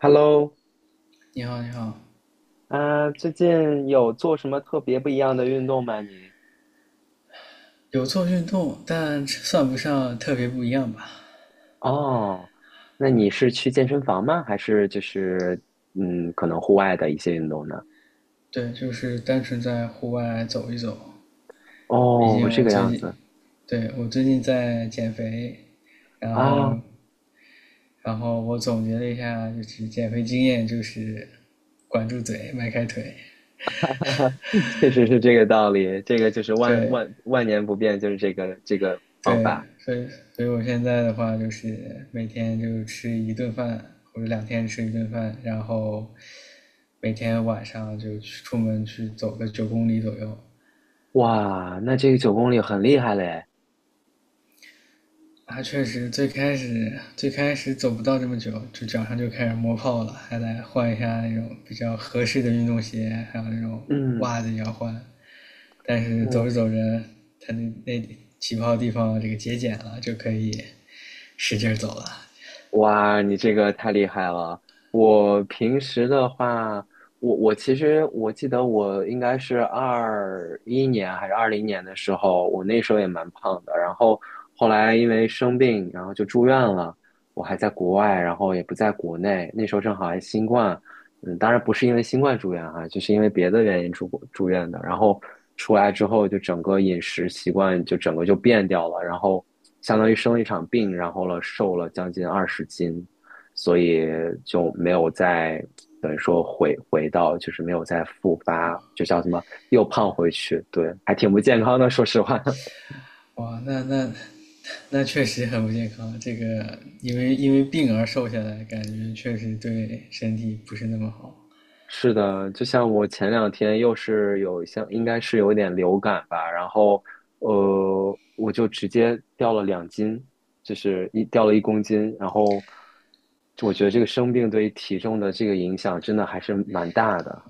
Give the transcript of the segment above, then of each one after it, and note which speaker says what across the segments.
Speaker 1: Hello。
Speaker 2: 你好，你好，
Speaker 1: 最近有做什么特别不一样的运动吗？你？
Speaker 2: 有做运动，但算不上特别不一样吧？
Speaker 1: 哦，那你是去健身房吗？还是就是可能户外的一些运动呢？
Speaker 2: 对，就是单纯在户外走一走。毕
Speaker 1: 哦，
Speaker 2: 竟
Speaker 1: 这
Speaker 2: 我
Speaker 1: 个
Speaker 2: 最
Speaker 1: 样
Speaker 2: 近，
Speaker 1: 子
Speaker 2: 对，我最近在减肥，然
Speaker 1: 啊，
Speaker 2: 后，然后我总结了一下，就是减肥经验就是管住嘴，迈开腿。
Speaker 1: 确实是这个道理，这个就是万
Speaker 2: 对，
Speaker 1: 万万年不变，就是这个方
Speaker 2: 对，
Speaker 1: 法。
Speaker 2: 所以，所以我现在的话就是每天就吃一顿饭，或者两天吃一顿饭，然后每天晚上就去出门去走个9公里左右。
Speaker 1: 哇，那这个9公里很厉害嘞。
Speaker 2: 啊，确实，最开始走不到这么久，就脚上就开始磨泡了，还得换一下那种比较合适的运动鞋，还有那种
Speaker 1: 嗯
Speaker 2: 袜子也要换。但是走
Speaker 1: 嗯，
Speaker 2: 着走着，他那起泡地方这个节俭了，就可以使劲儿走了。
Speaker 1: 哇，你这个太厉害了！我平时的话，我其实我记得我应该是21年还是20年的时候，我那时候也蛮胖的。然后后来因为生病，然后就住院了。我还在国外，然后也不在国内。那时候正好还新冠，当然不是因为新冠住院哈、就是因为别的原因住过住院的。然后出来之后，就整个饮食习惯就整个就变掉了，然后相当于生了一场病，然后了瘦了将近20斤，所以就没有再等于说回到就是没有再复发，就叫什么又胖回去，对，还挺不健康的，说实话。
Speaker 2: 哇，那确实很不健康。这个因为病而瘦下来，感觉确实对身体不是那么好。
Speaker 1: 是的，就像我前两天又是有像，应该是有一点流感吧，然后我就直接掉了2斤，就是一掉了1公斤，然后我觉得这个生病对于体重的这个影响真的还是蛮大的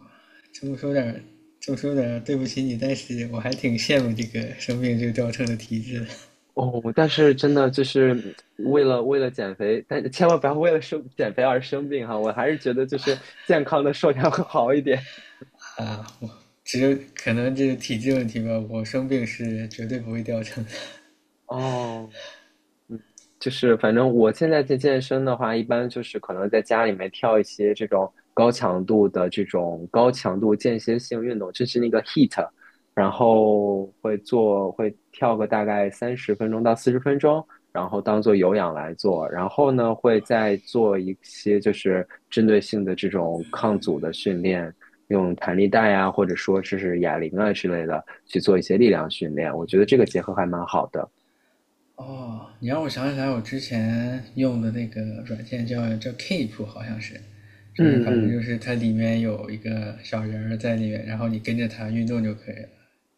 Speaker 2: 这么说点这么说点对不起你，但是我还挺羡慕这个生病就掉秤的体质
Speaker 1: 哦。但是真的就是为了减肥，但千万不要为了生减肥而生病哈，我还是觉得就是健康的瘦点会好一点
Speaker 2: 啊。我只有可能这是体质问题吧，我生病是绝对不会掉秤的。
Speaker 1: 哦。嗯就是反正我现在在健身的话，一般就是可能在家里面跳一些这种高强度的这种高强度间歇性运动，就是那个 HEAT 然后会做会跳个大概30分钟到40分钟，然后当做有氧来做，然后呢会再做一些就是针对性的这种抗阻的训练，用弹力带啊，或者说是哑铃啊之类的去做一些力量训练，我觉得这个结合还蛮好的。
Speaker 2: 哦，你让我想起来，我之前用的那个软件叫 Keep,好像是，就是
Speaker 1: 嗯
Speaker 2: 反正就
Speaker 1: 嗯。
Speaker 2: 是它里面有一个小人儿在里面，然后你跟着它运动就可以了。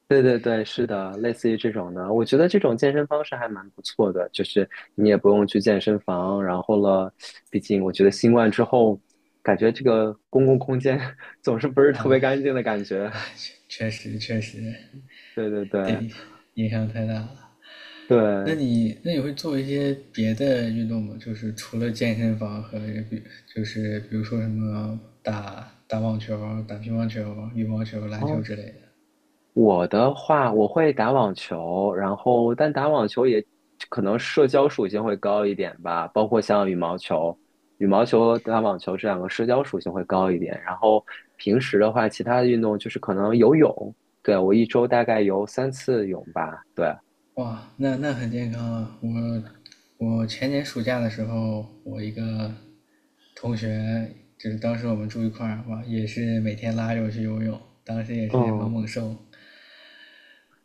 Speaker 1: 对对对，是的，类似于这种的，我觉得这种健身方式还蛮不错的，就是你也不用去健身房，然后了，毕竟我觉得新冠之后，感觉这个公共空间 总是不是特别
Speaker 2: 啊，
Speaker 1: 干净的感觉。
Speaker 2: 哎，确实，
Speaker 1: 对对对
Speaker 2: 对，影响太大了。那
Speaker 1: 对，
Speaker 2: 你那你会做一些别的运动吗？就是除了健身房和比，就是比如说什么打网球、打乒乓球、羽毛球、篮球
Speaker 1: 哦，
Speaker 2: 之类的。
Speaker 1: 我的话，我会打网球，然后但打网球也可能社交属性会高一点吧，包括像羽毛球，羽毛球和打网球这两个社交属性会高一点。然后平时的话，其他的运动就是可能游泳，对，我一周大概游3次泳吧，对，
Speaker 2: 哇，那很健康啊！我前年暑假的时候，我一个同学，就是当时我们住一块儿，哇，也是每天拉着我去游泳，当时也是猛
Speaker 1: 嗯。
Speaker 2: 猛瘦。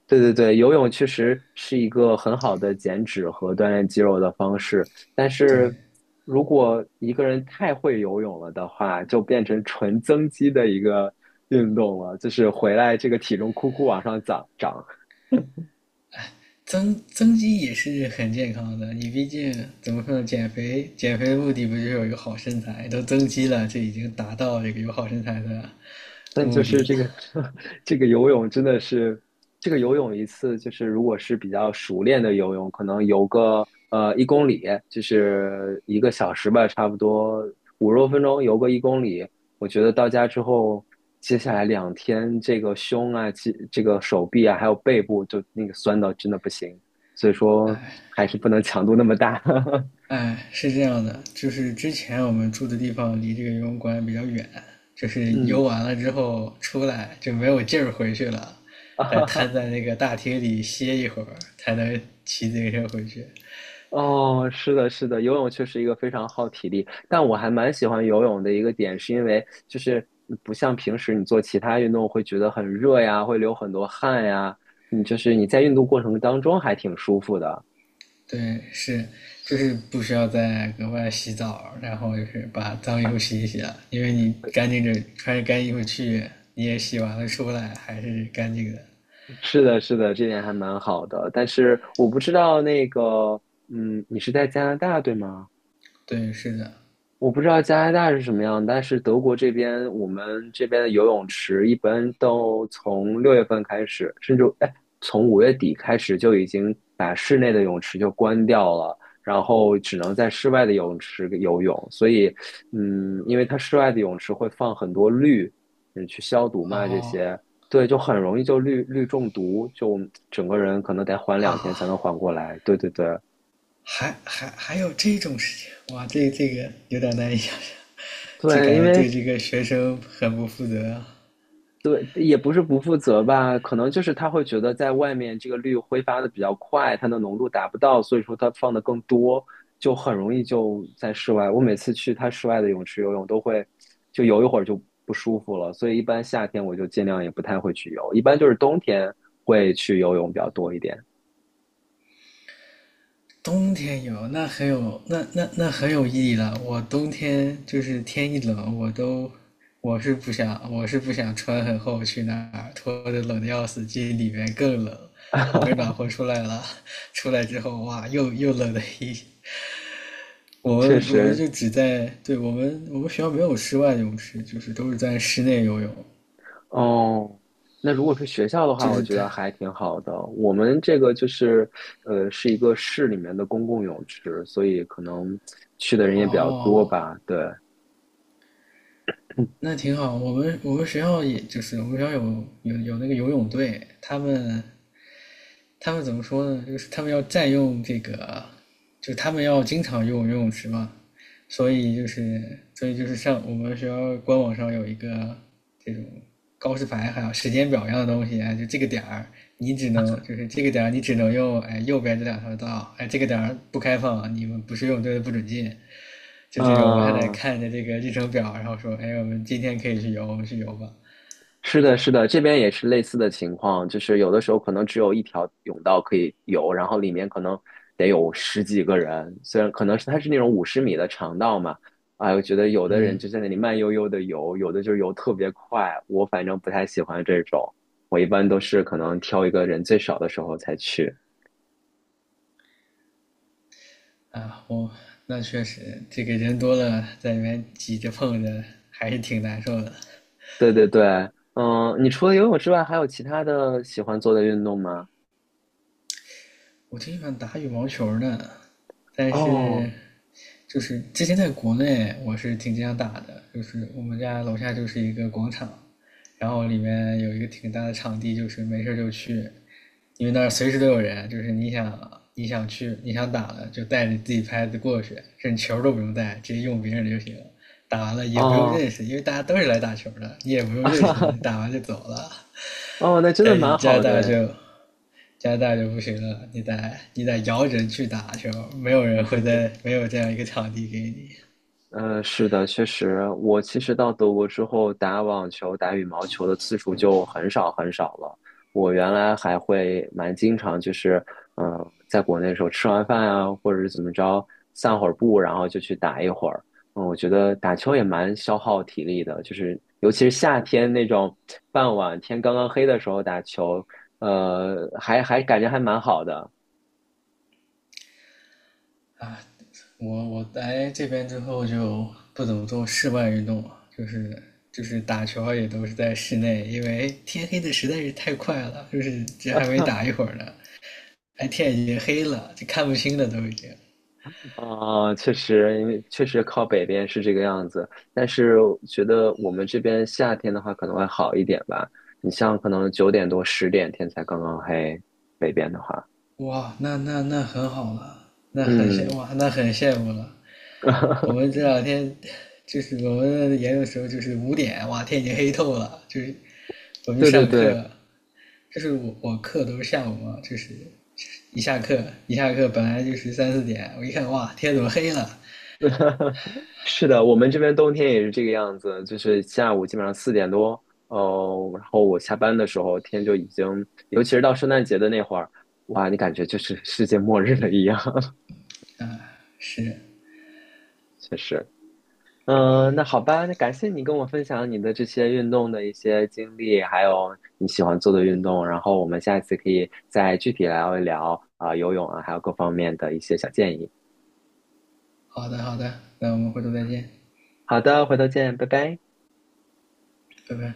Speaker 1: 对对对，游泳确实是一个很好的减脂和锻炼肌肉的方式，但是
Speaker 2: 对，
Speaker 1: 如果一个人太会游泳了的话，就变成纯增肌的一个运动了，就是回来这个体重库库往上涨涨。
Speaker 2: 增肌也是很健康的，你毕竟怎么说呢，减肥的目的不就是有一个好身材？都增肌了，这已经达到这个有好身材的
Speaker 1: 但就
Speaker 2: 目的
Speaker 1: 是
Speaker 2: 了。
Speaker 1: 这个 这个游泳真的是，这个游泳一次就是如果是比较熟练的游泳，可能游个一公里，就是一个小时吧，差不多50多分钟游个一公里。我觉得到家之后，接下来两天这个胸啊、这个手臂啊，还有背部就那个酸到真的不行，所以说还是不能强度那么大。
Speaker 2: 哎，是这样的，就是之前我们住的地方离这个游泳馆比较远，就是游
Speaker 1: 嗯，
Speaker 2: 完了之后出来就没有劲儿回去了，得瘫在 那个大厅里歇一会儿，才能骑自行车回去。
Speaker 1: 哦，是的，是的，游泳确实一个非常耗体力，但我还蛮喜欢游泳的一个点，是因为就是不像平时你做其他运动会觉得很热呀，会流很多汗呀，你就是你在运动过程当中还挺舒服的。
Speaker 2: 对，是，就是不需要再额外洗澡，然后就是把脏衣服洗一洗了，因为你干净着穿着干衣服去，你也洗完了出来还是干净的。
Speaker 1: 是的，是的，这点还蛮好的。但是我不知道那个，你是在加拿大对吗？
Speaker 2: 对，是的。
Speaker 1: 我不知道加拿大是什么样，但是德国这边，我们这边的游泳池一般都从6月份开始，甚至哎，从5月底开始就已经把室内的泳池就关掉了，然后只能在室外的泳池游泳。所以，因为它室外的泳池会放很多氯，去消毒嘛，这
Speaker 2: 哦
Speaker 1: 些，对，就很容易就氯中毒，就整个人可能得缓两天
Speaker 2: 啊，
Speaker 1: 才能缓过来。对对对。
Speaker 2: 还有这种事情，哇，这个有点难以想象，这
Speaker 1: 对，
Speaker 2: 感
Speaker 1: 因
Speaker 2: 觉
Speaker 1: 为
Speaker 2: 对这个学生很不负责啊。
Speaker 1: 对，也不是不负责吧，可能就是他会觉得在外面这个氯挥发的比较快，它的浓度达不到，所以说它放的更多，就很容易就在室外。我每次去他室外的泳池游泳都会，就游一会儿就不舒服了，所以一般夏天我就尽量也不太会去游，一般就是冬天会去游泳比较多一点。
Speaker 2: 冬天有，那很有，那很有意义了。我冬天就是天一冷，我是不想穿很厚去那儿，脱的冷的要死，进里面更冷。好不 容易暖和出来了，出来之后哇，又冷了一。我
Speaker 1: 确
Speaker 2: 们我们
Speaker 1: 实，
Speaker 2: 就只在，对我们学校没有室外游泳池，就是都是在室内游泳，
Speaker 1: 哦，那如果是学校的话，
Speaker 2: 就
Speaker 1: 我
Speaker 2: 是
Speaker 1: 觉
Speaker 2: 它。
Speaker 1: 得还挺好的。我们这个就是，是一个市里面的公共泳池，所以可能去的人也比较多
Speaker 2: 哦，
Speaker 1: 吧。对，
Speaker 2: 那挺好。我们学校也就是我们学校有那个游泳队，他们怎么说呢？就是他们要占用这个，就他们要经常用游泳池嘛，所以就是上我们学校官网上有一个这种告示牌，还有时间表一样的东西，哎，就这个点儿你只能用哎右边这两条道，哎这个点儿不开放，你们不是游泳队的不准进。就这种，我还得
Speaker 1: 嗯，
Speaker 2: 看着这个日程表，然后说，哎，我们今天可以去游，我们去游吧。
Speaker 1: 是的，是的，这边也是类似的情况，就是有的时候可能只有一条甬道可以游，然后里面可能得有十几个人，虽然可能是它是那种50米的长道嘛，哎，我觉得有的人就
Speaker 2: 嗯，
Speaker 1: 在那里慢悠悠的游，有的就游特别快，我反正不太喜欢这种，我一般都是可能挑一个人最少的时候才去。
Speaker 2: 啊，我那确实，这个人多了，在里面挤着碰着，还是挺难受的。
Speaker 1: 对对对，嗯，你除了游泳之外，还有其他的喜欢做的运动吗？
Speaker 2: 我挺喜欢打羽毛球的，但是
Speaker 1: 哦
Speaker 2: 就是之前在国内我是挺经常打的，就是我们家楼下就是一个广场，然后里面有一个挺大的场地，就是没事儿就去，因为那儿随时都有人，就是你想打了就带着自己拍子过去，甚至球都不用带，直接用别人的就行了。打完了也不用
Speaker 1: 哦
Speaker 2: 认识，因为大家都是来打球的，你也不用认识的，你打完就走了。
Speaker 1: 哦，那真的
Speaker 2: 在
Speaker 1: 蛮
Speaker 2: 加拿
Speaker 1: 好
Speaker 2: 大
Speaker 1: 的，
Speaker 2: 就加拿大就不行了，你得摇人去打球，没有人
Speaker 1: 对
Speaker 2: 会
Speaker 1: 对
Speaker 2: 在没有这样一个场地给你
Speaker 1: 嗯，是的，确实，我其实到德国之后，打网球、打羽毛球的次数就很少很少了。我原来还会蛮经常，就是在国内的时候吃完饭啊，或者是怎么着，散会儿步，然后就去打一会儿。嗯，我觉得打球也蛮消耗体力的，就是尤其是夏天那种傍晚天刚刚黑的时候打球，还感觉还蛮好的。
Speaker 2: 啊。我我来这边之后就不怎么做室外运动了，就是就是打球也都是在室内，因为天黑的实在是太快了，就是这还没打一会儿呢，哎天已经黑了，就看不清了都已经。
Speaker 1: 啊、确实，确实靠北边是这个样子，但是我觉得我们这边夏天的话可能会好一点吧。你像可能9点多、10点天才刚刚黑，北边的话，
Speaker 2: 哇，那很好了，那很羡
Speaker 1: 嗯，
Speaker 2: 哇，那很羡慕了。我们 这两天就是我们研究的时候，就是5点，哇，天已经黑透了，就是我们去
Speaker 1: 对对
Speaker 2: 上
Speaker 1: 对，
Speaker 2: 课，就是我我课都是下午嘛，就是一下课本来就是3、4点，我一看哇，天怎么黑了？
Speaker 1: 是的，我们这边冬天也是这个样子，就是下午基本上4点多，哦，然后我下班的时候天就已经，尤其是到圣诞节的那会儿，哇，你感觉就是世界末日了一样，
Speaker 2: 是，
Speaker 1: 确实。嗯，那好吧，那感谢你跟我分享你的这些运动的一些经历，还有你喜欢做的运动，然后我们下一次可以再具体聊一聊啊，游泳啊，还有各方面的一些小建议。
Speaker 2: 好的好的，那我们回头再见，
Speaker 1: 好的，回头见，拜拜。
Speaker 2: 拜拜。